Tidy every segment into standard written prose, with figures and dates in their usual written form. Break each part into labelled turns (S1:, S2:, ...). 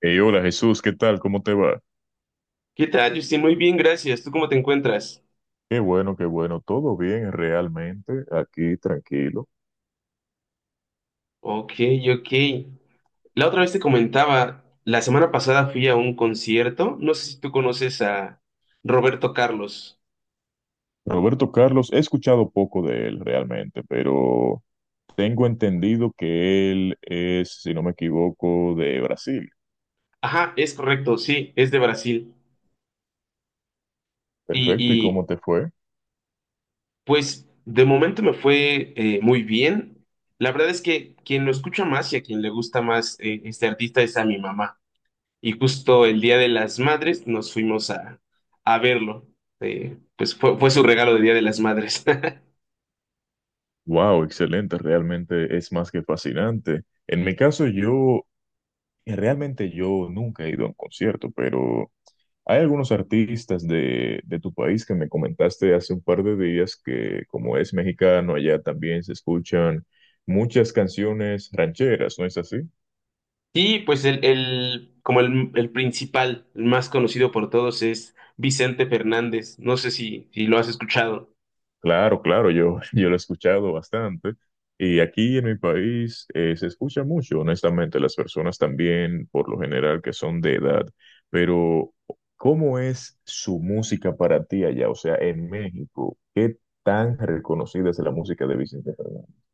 S1: Hey, hola Jesús, ¿qué tal? ¿Cómo te va?
S2: ¿Qué tal, Justin? Muy bien, gracias. ¿Tú cómo te encuentras?
S1: Qué bueno, todo bien realmente, aquí tranquilo.
S2: Ok, ok. La otra vez te comentaba, la semana pasada fui a un concierto. No sé si tú conoces a Roberto Carlos.
S1: Roberto Carlos, he escuchado poco de él realmente, pero tengo entendido que él es, si no me equivoco, de Brasil.
S2: Ajá, es correcto, sí, es de Brasil. Y,
S1: Perfecto, ¿y
S2: y,
S1: cómo te fue?
S2: pues de momento me fue muy bien. La verdad es que quien lo escucha más y a quien le gusta más este artista es a mi mamá. Y justo el Día de las Madres nos fuimos a verlo. Pues fue su regalo de Día de las Madres.
S1: Wow, excelente, realmente es más que fascinante. En mi caso, realmente yo nunca he ido a un concierto, pero... Hay algunos artistas de tu país que me comentaste hace un par de días que como es mexicano, allá también se escuchan muchas canciones rancheras, ¿no es así?
S2: Y pues como el principal, el más conocido por todos es Vicente Fernández. No sé si lo has escuchado.
S1: Claro, claro, yo, yo lo he escuchado bastante. Y aquí en mi país se escucha mucho, honestamente, las personas también, por lo general, que son de edad. Pero, ¿cómo es su música para ti allá? O sea, en México, ¿qué tan reconocida es la música de Vicente Fernández?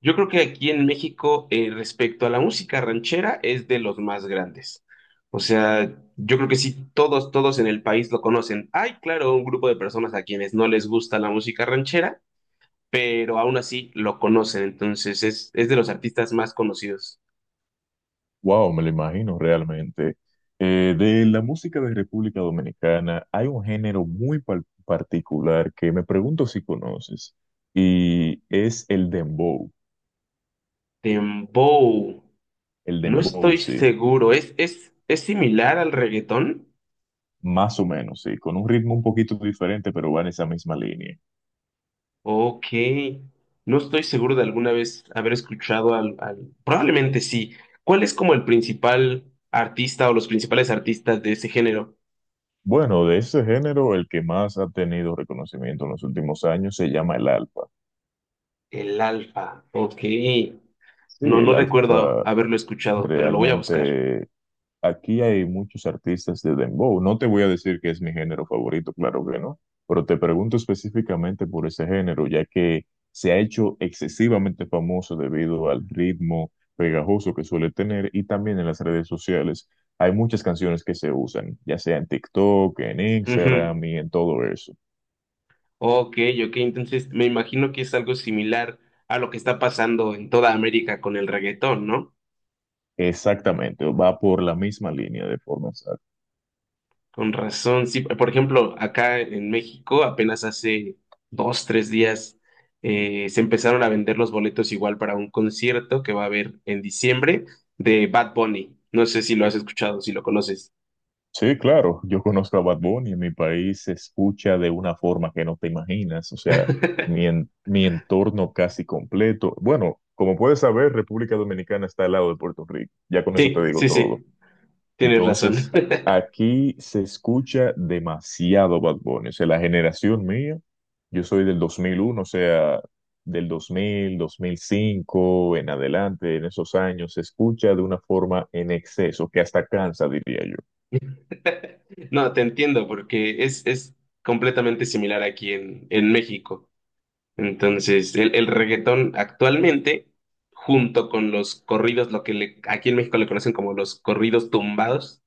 S2: Yo creo que aquí en México, respecto a la música ranchera, es de los más grandes. O sea, yo creo que sí, todos en el país lo conocen. Hay, claro, un grupo de personas a quienes no les gusta la música ranchera, pero aún así lo conocen. Entonces es de los artistas más conocidos.
S1: Wow, me lo imagino realmente. De la música de República Dominicana hay un género muy particular que me pregunto si conoces y es el dembow.
S2: Dembow.
S1: El
S2: No
S1: dembow,
S2: estoy
S1: sí,
S2: seguro. Es similar al reggaetón?
S1: más o menos, sí, con un ritmo un poquito diferente, pero va en esa misma línea.
S2: Ok. No estoy seguro de alguna vez haber escuchado Probablemente sí. ¿Cuál es como el principal artista o los principales artistas de ese género?
S1: Bueno, de ese género, el que más ha tenido reconocimiento en los últimos años se llama el alfa.
S2: El Alfa. Ok.
S1: Sí,
S2: No
S1: el
S2: recuerdo
S1: alfa
S2: haberlo escuchado, pero lo voy a buscar.
S1: realmente. Aquí hay muchos artistas de dembow. No te voy a decir que es mi género favorito, claro que no, pero te pregunto específicamente por ese género, ya que se ha hecho excesivamente famoso debido al ritmo pegajoso que suele tener y también en las redes sociales. Hay muchas canciones que se usan, ya sea en TikTok, en
S2: Ujú.
S1: Instagram y en todo eso.
S2: Ok, ok. Entonces me imagino que es algo similar a lo que está pasando en toda América con el reggaetón, ¿no?
S1: Exactamente, va por la misma línea de forma exacta.
S2: Con razón, sí. Por ejemplo, acá en México apenas hace dos, tres días se empezaron a vender los boletos igual para un concierto que va a haber en diciembre de Bad Bunny. No sé si lo has escuchado, si lo conoces.
S1: Sí, claro, yo conozco a Bad Bunny, en mi país se escucha de una forma que no te imaginas, o sea, mi entorno casi completo. Bueno, como puedes saber, República Dominicana está al lado de Puerto Rico, ya con eso te
S2: Sí,
S1: digo
S2: sí,
S1: todo.
S2: sí, tienes
S1: Entonces,
S2: razón.
S1: aquí se escucha demasiado Bad Bunny, o sea, la generación mía, yo soy del 2001. O sea, del 2005 en adelante, en esos años, se escucha de una forma en exceso, que hasta cansa, diría yo.
S2: No, te entiendo porque es completamente similar aquí en México. Entonces, el reggaetón actualmente, junto con los corridos, aquí en México le conocen como los corridos tumbados,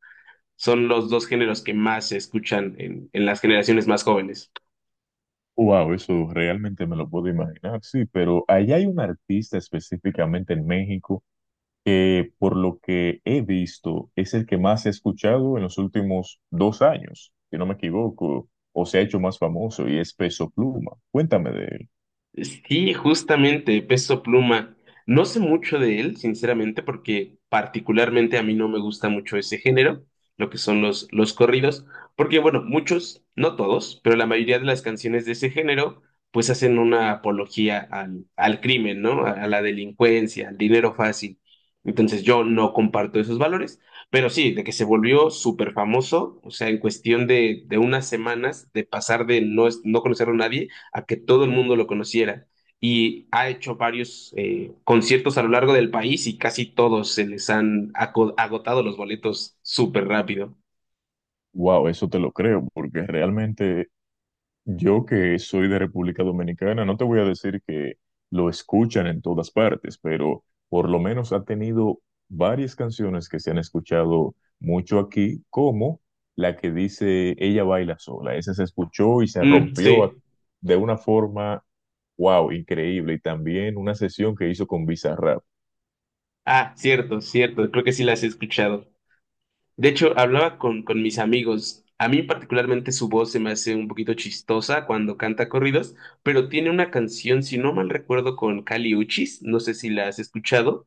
S2: son los dos géneros que más se escuchan en las generaciones más jóvenes.
S1: Wow, eso realmente me lo puedo imaginar, sí, pero allá hay un artista específicamente en México que por lo que he visto es el que más he escuchado en los últimos 2 años, si no me equivoco, o se ha hecho más famoso y es Peso Pluma. Cuéntame de él.
S2: Sí, justamente, Peso Pluma. No sé mucho de él, sinceramente, porque particularmente a mí no me gusta mucho ese género, lo que son los corridos, porque bueno, muchos, no todos, pero la mayoría de las canciones de ese género, pues hacen una apología al crimen, ¿no? A la delincuencia, al dinero fácil. Entonces yo no comparto esos valores, pero sí, de que se volvió súper famoso, o sea, en cuestión de unas semanas, de pasar de no conocer a nadie a que todo el mundo lo conociera. Y ha hecho varios conciertos a lo largo del país y casi todos se les han agotado los boletos súper rápido.
S1: Wow, eso te lo creo, porque realmente yo que soy de República Dominicana, no te voy a decir que lo escuchan en todas partes, pero por lo menos ha tenido varias canciones que se han escuchado mucho aquí, como la que dice Ella baila sola. Esa se escuchó y se
S2: Mm,
S1: rompió
S2: sí.
S1: de una forma, wow, increíble. Y también una sesión que hizo con Bizarrap.
S2: Ah, cierto, cierto. Creo que sí las he escuchado. De hecho, hablaba con mis amigos. A mí particularmente su voz se me hace un poquito chistosa cuando canta corridos, pero tiene una canción, si no mal recuerdo, con Kali Uchis. No sé si la has escuchado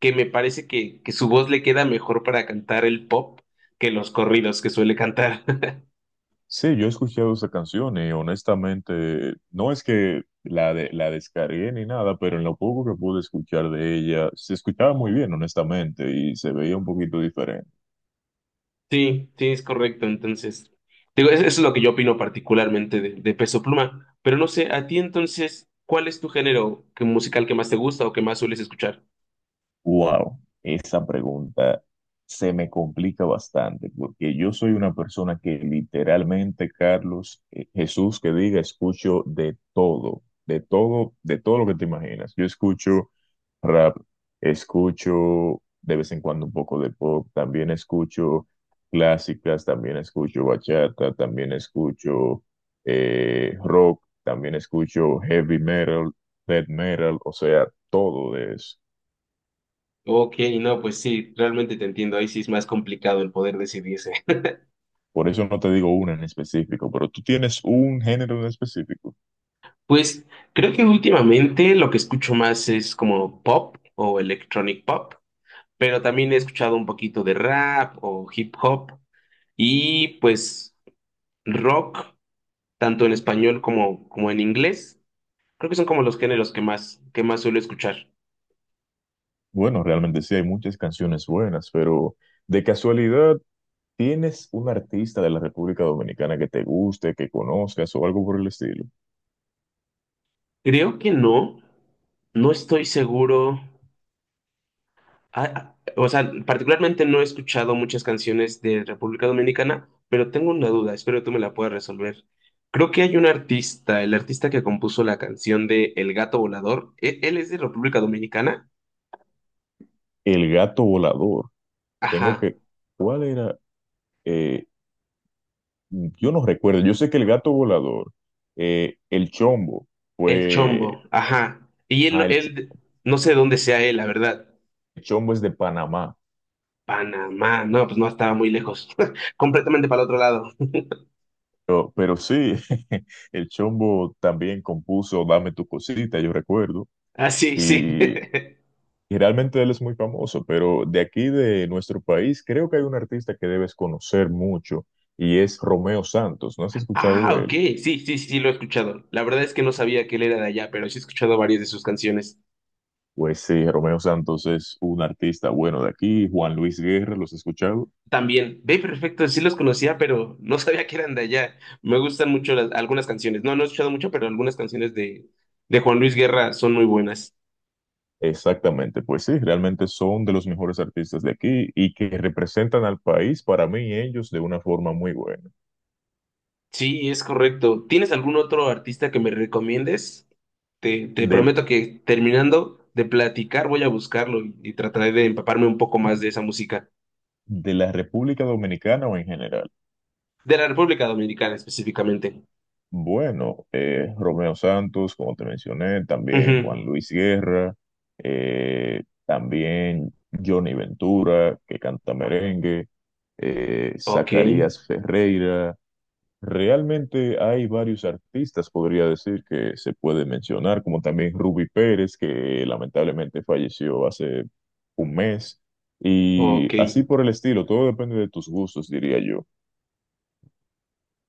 S2: que me parece que su voz le queda mejor para cantar el pop que los corridos que suele cantar.
S1: Sí, yo he escuchado esa canción y honestamente no es que la descargué ni nada, pero en lo poco que pude escuchar de ella, se escuchaba muy bien, honestamente, y se veía un poquito diferente.
S2: Sí, sí, es correcto. Entonces, digo, eso es lo que yo opino particularmente de Peso Pluma. Pero no sé, a ti entonces, ¿cuál es tu género musical que más te gusta o que más sueles escuchar?
S1: Wow, esa pregunta se me complica bastante porque yo soy una persona que literalmente, Carlos, Jesús, que diga, escucho de todo, de todo, de todo lo que te imaginas. Yo escucho rap, escucho de vez en cuando un poco de pop, también escucho clásicas, también escucho bachata, también escucho rock, también escucho heavy metal, death metal, o sea, todo de eso.
S2: Ok, no, pues sí, realmente te entiendo. Ahí sí es más complicado el poder decidirse.
S1: Por eso no te digo una en específico, pero tú tienes un género en específico.
S2: Pues creo que últimamente lo que escucho más es como pop o electronic pop, pero también he escuchado un poquito de rap o hip hop. Y pues rock, tanto en español como, como en inglés, creo que son como los géneros que más suelo escuchar.
S1: Bueno, realmente sí hay muchas canciones buenas, pero de casualidad, ¿tienes un artista de la República Dominicana que te guste, que conozcas o algo por el estilo?
S2: Creo que no, no estoy seguro. Ah, ah, o sea, particularmente no he escuchado muchas canciones de República Dominicana, pero tengo una duda, espero tú me la puedas resolver. Creo que hay un artista, el artista que compuso la canción de El Gato Volador, él es de República Dominicana?
S1: El Gato Volador. Tengo
S2: Ajá,
S1: que... ¿Cuál era? Eh, yo no recuerdo. Yo sé que el Gato Volador, el Chombo,
S2: El
S1: fue...
S2: Chombo, ajá.
S1: Ah, el Ch-
S2: Él, no sé dónde sea él, la verdad.
S1: el Chombo es de Panamá.
S2: Panamá, no, pues no estaba muy lejos, completamente para el otro lado.
S1: Pero sí, el Chombo también compuso Dame tu cosita, yo recuerdo,
S2: Ah, sí, sí.
S1: y, y realmente él es muy famoso, pero de aquí de nuestro país creo que hay un artista que debes conocer mucho y es Romeo Santos, ¿no has escuchado
S2: Ah,
S1: de
S2: ok,
S1: él?
S2: sí, sí, sí, sí, lo he escuchado. La verdad es que no sabía que él era de allá, pero sí he escuchado varias de sus canciones.
S1: Pues sí, Romeo Santos es un artista bueno de aquí, Juan Luis Guerra, ¿los has escuchado?
S2: También, ve, perfecto, sí los conocía, pero no sabía que eran de allá. Me gustan mucho algunas canciones. No, no he escuchado mucho, pero algunas canciones de Juan Luis Guerra son muy buenas.
S1: Exactamente, pues sí, realmente son de los mejores artistas de aquí y que representan al país para mí ellos de una forma muy buena.
S2: Sí, es correcto. ¿Tienes algún otro artista que me recomiendes? Te
S1: Del,
S2: prometo que terminando de platicar voy a buscarlo y trataré de empaparme un poco más de esa música,
S1: de la República Dominicana o en general.
S2: de la República Dominicana específicamente.
S1: Bueno, Romeo Santos, como te mencioné, también
S2: Ujú.
S1: Juan Luis Guerra, también Johnny Ventura, que canta merengue,
S2: Ok,
S1: Zacarías Ferreira. Realmente hay varios artistas, podría decir, que se puede mencionar, como también Ruby Pérez, que lamentablemente falleció hace un mes, y
S2: ok,
S1: así por el estilo, todo depende de tus gustos, diría yo.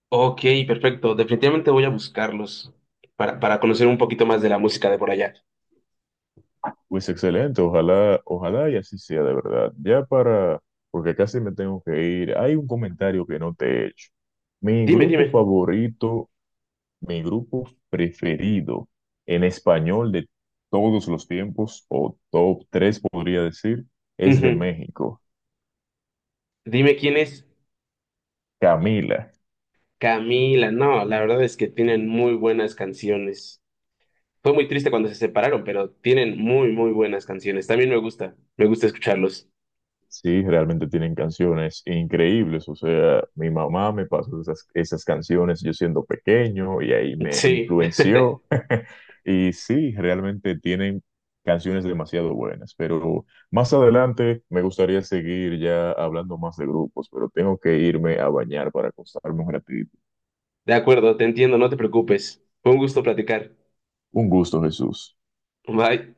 S2: ok, perfecto. Definitivamente voy a buscarlos para conocer un poquito más de la música de por allá.
S1: Pues excelente, ojalá, ojalá y así sea de verdad. Ya para, porque casi me tengo que ir, hay un comentario que no te he hecho. Mi
S2: Dime,
S1: grupo
S2: dime.
S1: favorito, mi grupo preferido en español de todos los tiempos, o top 3 podría decir, es de
S2: Ujú.
S1: México,
S2: Dime quién es
S1: Camila.
S2: Camila. No, la verdad es que tienen muy buenas canciones. Fue muy triste cuando se separaron, pero tienen muy, muy buenas canciones. También me gusta escucharlos.
S1: Sí, realmente tienen canciones increíbles. O sea, mi mamá me pasó esas canciones yo siendo pequeño y ahí me
S2: Sí.
S1: influenció. Y sí, realmente tienen canciones demasiado buenas. Pero más adelante me gustaría seguir ya hablando más de grupos, pero tengo que irme a bañar para acostarme un ratito.
S2: De acuerdo, te entiendo, no te preocupes. Fue un gusto platicar.
S1: Un gusto, Jesús.
S2: Bye.